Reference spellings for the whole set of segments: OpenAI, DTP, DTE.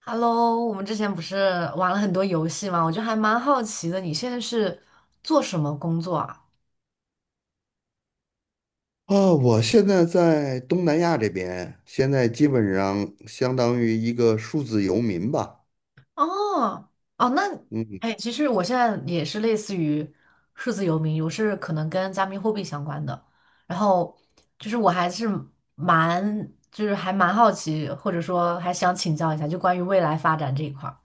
Hello，我们之前不是玩了很多游戏吗？我就还蛮好奇的，你现在是做什么工作啊？啊，我现在在东南亚这边，现在基本上相当于一个数字游民吧。哦，哦，那，嗯哎，其实我现在也是类似于数字游民，我是可能跟加密货币相关的。然后我还是蛮，就是还蛮好奇，或者说还想请教一下，就关于未来发展这一块儿。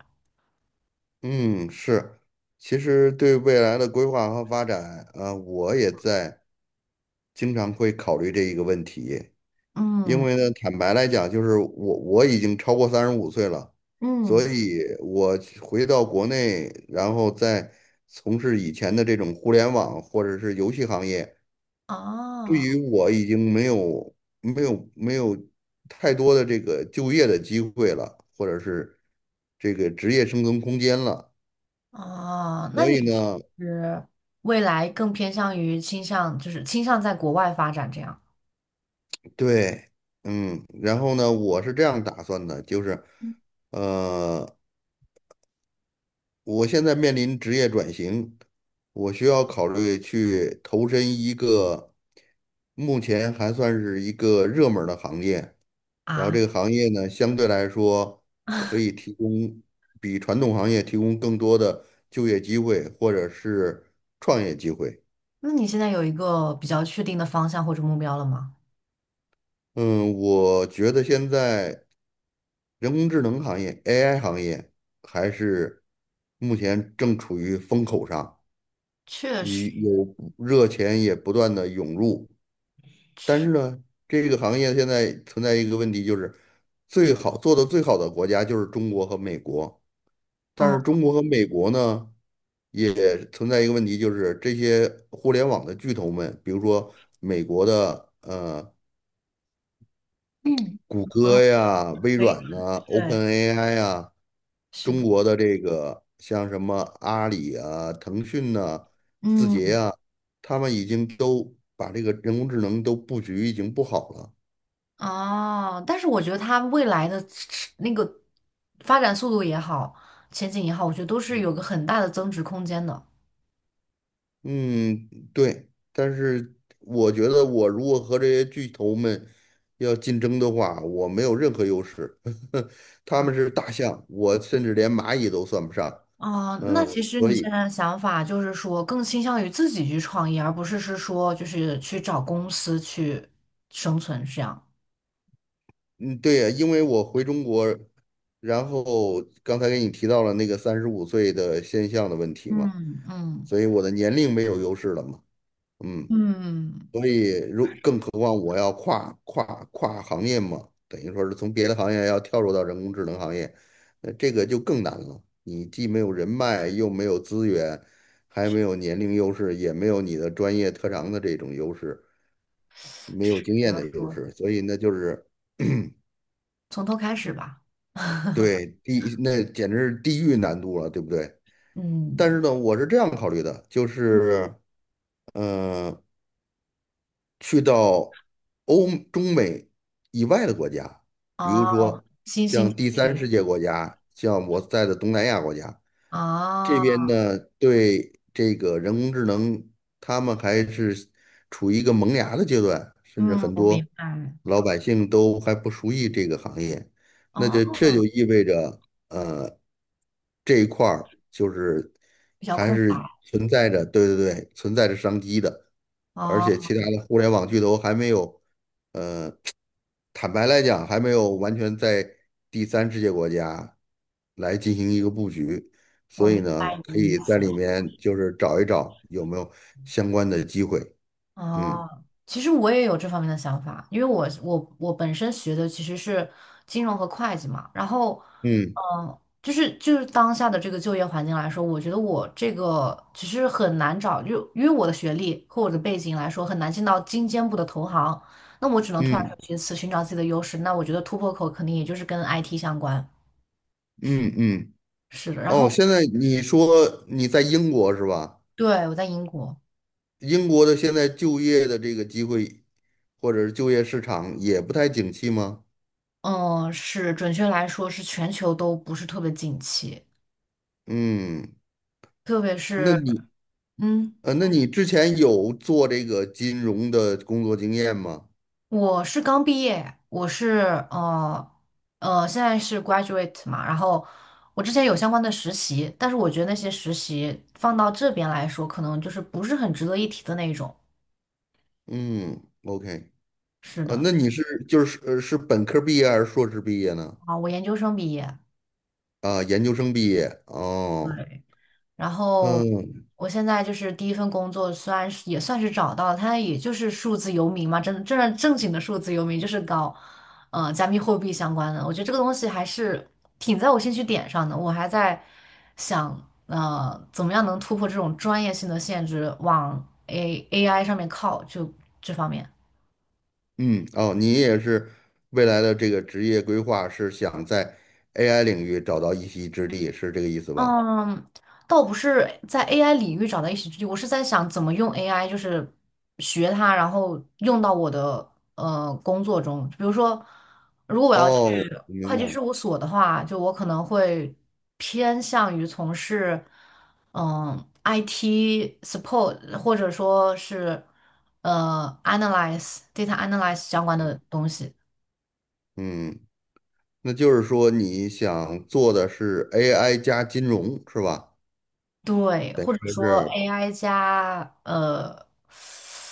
嗯，是。其实对未来的规划和发展，啊，我也在经常会考虑这一个问题。因嗯为呢，坦白来讲，就是我已经超过三十五岁了，所嗯，以我回到国内，然后再从事以前的这种互联网或者是游戏行业。对哦。于我已经没有太多的这个就业的机会了，或者是这个职业生存空间了。哦，那所你以呢，是未来更偏向于倾向，就是倾向在国外发展这样对，嗯，然后呢，我是这样打算的，就是，呃，我现在面临职业转型，我需要考虑去投身一个目前还算是一个热门儿的行业，然后啊？这个行业呢，相对来说可以提供比传统行业提供更多的就业机会或者是创业机会。那你现在有一个比较确定的方向或者目标了吗？嗯，我觉得现在人工智能行业 AI 行业还是目前正处于风口上。确实，以有热钱也不断的涌入，但确，是呢，这个行业现在存在一个问题，就是最好做的最好的国家就是中国和美国，但嗯，是中国和美国呢，也存在一个问题，就是这些互联网的巨头们，比如说美国的嗯，谷我歌懂呀、微微软软，呐、对，OpenAI 呀，是中的，国的这个像什么阿里啊、腾讯呐、字节嗯，呀，他们已经都把这个人工智能都布局已经布好了。哦，但是我觉得它未来的那个发展速度也好，前景也好，我觉得都是有个很大的增值空间的。嗯，对，但是我觉得我如果和这些巨头们要竞争的话，我没有任何优势。他啊。们是大象，我甚至连蚂蚁都算不上。哦，那嗯，其实所你现以。在的想法就是说，更倾向于自己去创业，而不是是说就是去找公司去生存这样。嗯，对呀，因为我回中国，然后刚才给你提到了那个三十五岁的现象的问题嘛，嗯嗯所以我的年龄没有优势了嘛，嗯，嗯，所以更何况我要跨行业嘛，等于说是从别的行业要跳入到人工智能行业，那这个就更难了。你既没有人脉，又没有资源，还没有年龄优势，也没有你的专业特长的这种优势，没有经这验个的优说势，所以那就是。从头开始吧。对，那简直是地狱难度了，对不对？但嗯，是呢，我是这样考虑的，就是，嗯、去到欧中美以外的国家，比如哦，说星像星第三世界国家，像我在的东南亚国家，这啊，边哦呢，对这个人工智能，他们还是处于一个萌芽的阶段，甚至嗯，很我多明白了。老百姓都还不熟悉这个行业。那哦，就这就意味着，呃，这一块儿就是比较还空是白。存在着，对对对，存在着商机的，而且哦，其他的互联网巨头还没有。坦白来讲，还没有完全在第三世界国家来进行一个布局，我所以明呢，白你可的意以在思。里面就是找一找有没有相关的机会。嗯哦，其实我也有这方面的想法，因为我本身学的其实是金融和会计嘛，然后，嗯嗯、就是当下的这个就业环境来说，我觉得我这个其实很难找，就因为我的学历和我的背景来说，很难进到精尖部的投行，那我只能突然求嗯其次，寻找自己的优势。那我觉得突破口肯定也就是跟 IT 相关，嗯嗯。是的。然后，哦，现在你说你在英国是吧？对，我在英国，英国的现在就业的这个机会，或者是就业市场也不太景气吗？嗯，是准确来说是全球都不是特别景气，嗯，特别那是。你嗯，那你之前有做这个金融的工作经验吗？我是刚毕业，我是呃现在是 graduate 嘛，然后我之前有相关的实习，但是我觉得那些实习放到这边来说，可能就是不是很值得一提的那种。嗯，OK，是的，那你是就是是本科毕业还是硕士毕业呢？啊，我研究生毕业。啊，研究生毕业哦，对。然后嗯我现在就是第一份工作，虽然是也算是找到了，它也就是数字游民嘛，真正正正经的数字游民，就是搞加密货币相关的。我觉得这个东西还是挺在我兴趣点上的，我还在想怎么样能突破这种专业性的限制，往 AI 上面靠，就这方面。嗯哦，你也是未来的这个职业规划是想在 AI 领域找到一席之地，是这个意思吧？嗯，倒不是在 AI 领域找到一席之地，我是在想怎么用 AI，就是学它，然后用到我的工作中。比如说，如果我要去哦，我明会计白了，事务所的话，就我可能会偏向于从事嗯 IT support，或者说是analyze data 相关的东西。嗯，那就是说你想做的是 AI 加金融是吧？对，还或者说 是 AI 加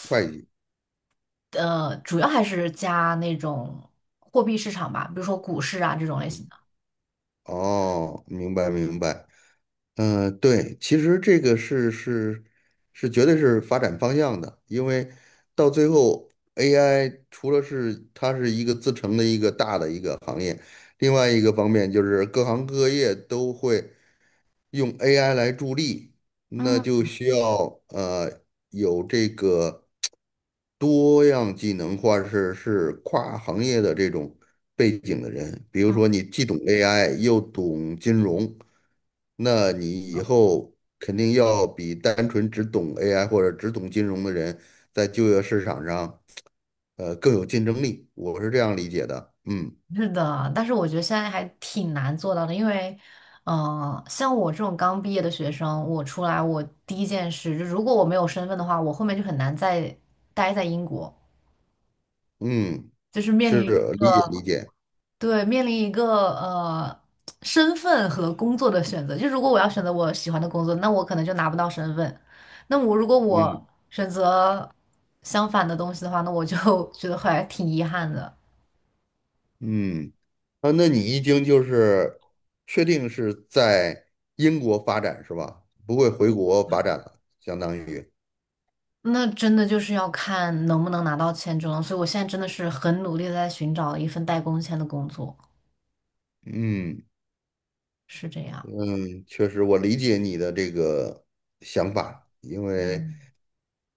会计？主要还是加那种货币市场吧，比如说股市啊这种类嗯型的。哦，明白明白。嗯，对，其实这个是绝对是发展方向的，因为到最后 AI 除了是它是一个自成的一个大的一个行业，另外一个方面就是各行各业都会用 AI 来助力，那嗯就需要有这个多样技能或者是是跨行业的这种背景的人，比如说嗯，你既懂 AI 又懂金融。那你以后肯定要比单纯只懂 AI 或者只懂金融的人，在就业市场上，更有竞争力。我是这样理解的。嗯是的，但是我觉得现在还挺难做到的，因为，嗯、像我这种刚毕业的学生，我出来我第一件事，就如果我没有身份的话，我后面就很难再待在英国，嗯，就是面临是一理解个理解。对，面临一个呃身份和工作的选择。就如果我要选择我喜欢的工作，那我可能就拿不到身份。那我如果我嗯选择相反的东西的话，那我就 觉得还挺遗憾的。嗯，啊，那你已经就是确定是在英国发展是吧？不会回国发展了，相当于。那真的就是要看能不能拿到签证了。所以我现在真的是很努力的在寻找一份带工签的工作，嗯是这样。嗯，确实，我理解你的这个想法，因为。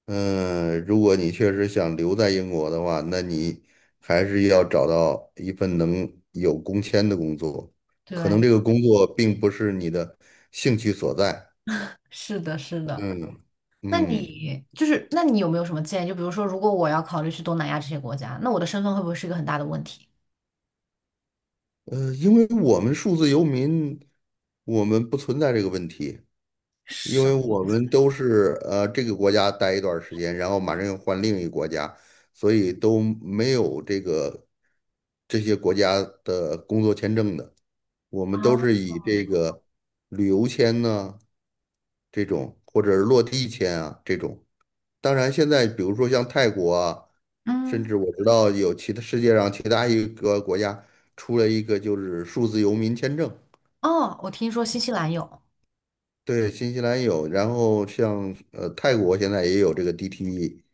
嗯，如果你确实想留在英国的话，那你还是要找到一份能有工签的工作。可能对，这个工作并不是你的兴趣所在。是的，是的。嗯嗯，那你有没有什么建议？就比如说，如果我要考虑去东南亚这些国家，那我的身份会不会是一个很大的问题？因为我们数字游民，我们不存在这个问题。因什为我们都是这个国家待一段儿时间，然后马上又换另一个国家，所以都没有这个这些国家的工作签证的。我们都啊，是以这个旅游签呢、这种，或者是落地签啊这种。当然，现在比如说像泰国啊，甚嗯，至我知道有其他世界上其他一个国家出了一个就是数字游民签证。哦，我听说新西兰有对，新西兰有，然后像泰国现在也有这个 DTE，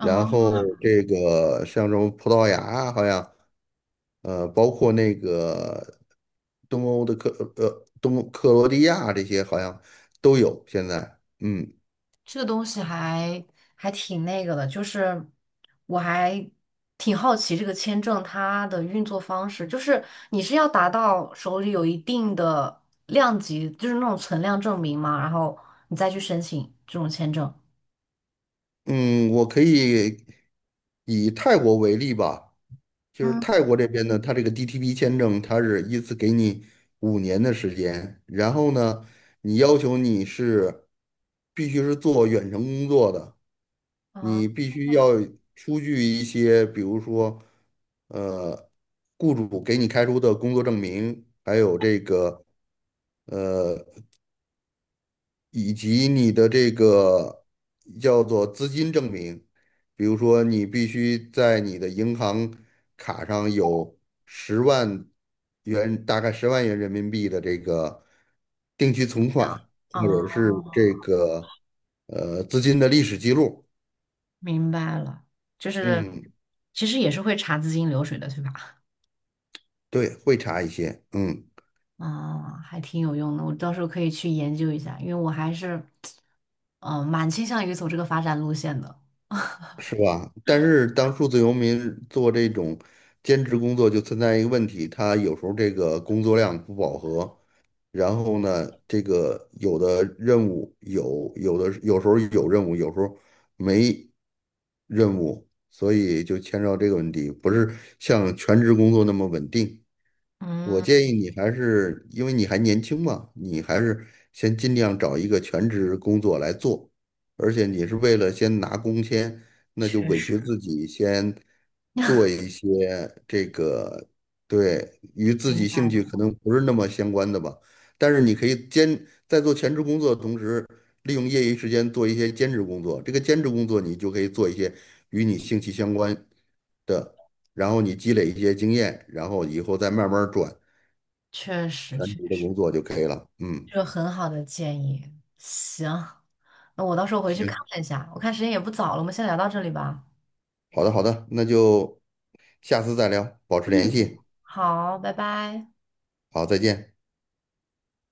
然后这个像什么葡萄牙啊好像包括那个东欧的克东欧克罗地亚这些好像都有现在，嗯这个东西还挺那个的，就是我还挺好奇这个签证它的运作方式，就是你是要达到手里有一定的量级，就是那种存量证明嘛，然后你再去申请这种签证。嗯，我可以以泰国为例吧，就是嗯，泰国这边呢，它这个 DTP 签证，它是依次给你5年的时间，然后呢，你要求你是必须是做远程工作的，啊你必须要出具一些，比如说，呃，雇主给你开出的工作证明，还有这个。以及你的这个叫做资金证明，比如说你必须在你的银行卡上有十万元，大概十万元人民币的这个定期存款，或者是哦，这个资金的历史记录。明白了，就是嗯，其实也是会查资金流水的，对吧？对，会查一些，嗯，啊，还挺有用的，我到时候可以去研究一下，因为我还是，嗯、蛮倾向于走这个发展路线的。是吧？但是当数字游民做这种兼职工作，就存在一个问题，他有时候这个工作量不饱和。然后呢，这个有的任务有，有的有时候有任务，有时候没任务，所以就牵扯到这个问题，不是像全职工作那么稳定。我嗯，建议你还是，因为你还年轻嘛，你还是先尽量找一个全职工作来做，而且你是为了先拿工签，那就确委屈实，自己先做一些这个，对，与自明己白兴的，趣可能不是那么相关的吧。但是你可以兼，在做全职工作的同时，利用业余时间做一些兼职工作。这个兼职工作你就可以做一些与你兴趣相关的。然后你积累一些经验，然后以后再慢慢儿转，确实全确职的实，工作就可以了。嗯，这个很好的建议。行，那我到时候回去看行，一下，我看时间也不早了，我们先聊到这里吧。好的好的，那就下次再聊，保持联系。好，拜拜。好，再见。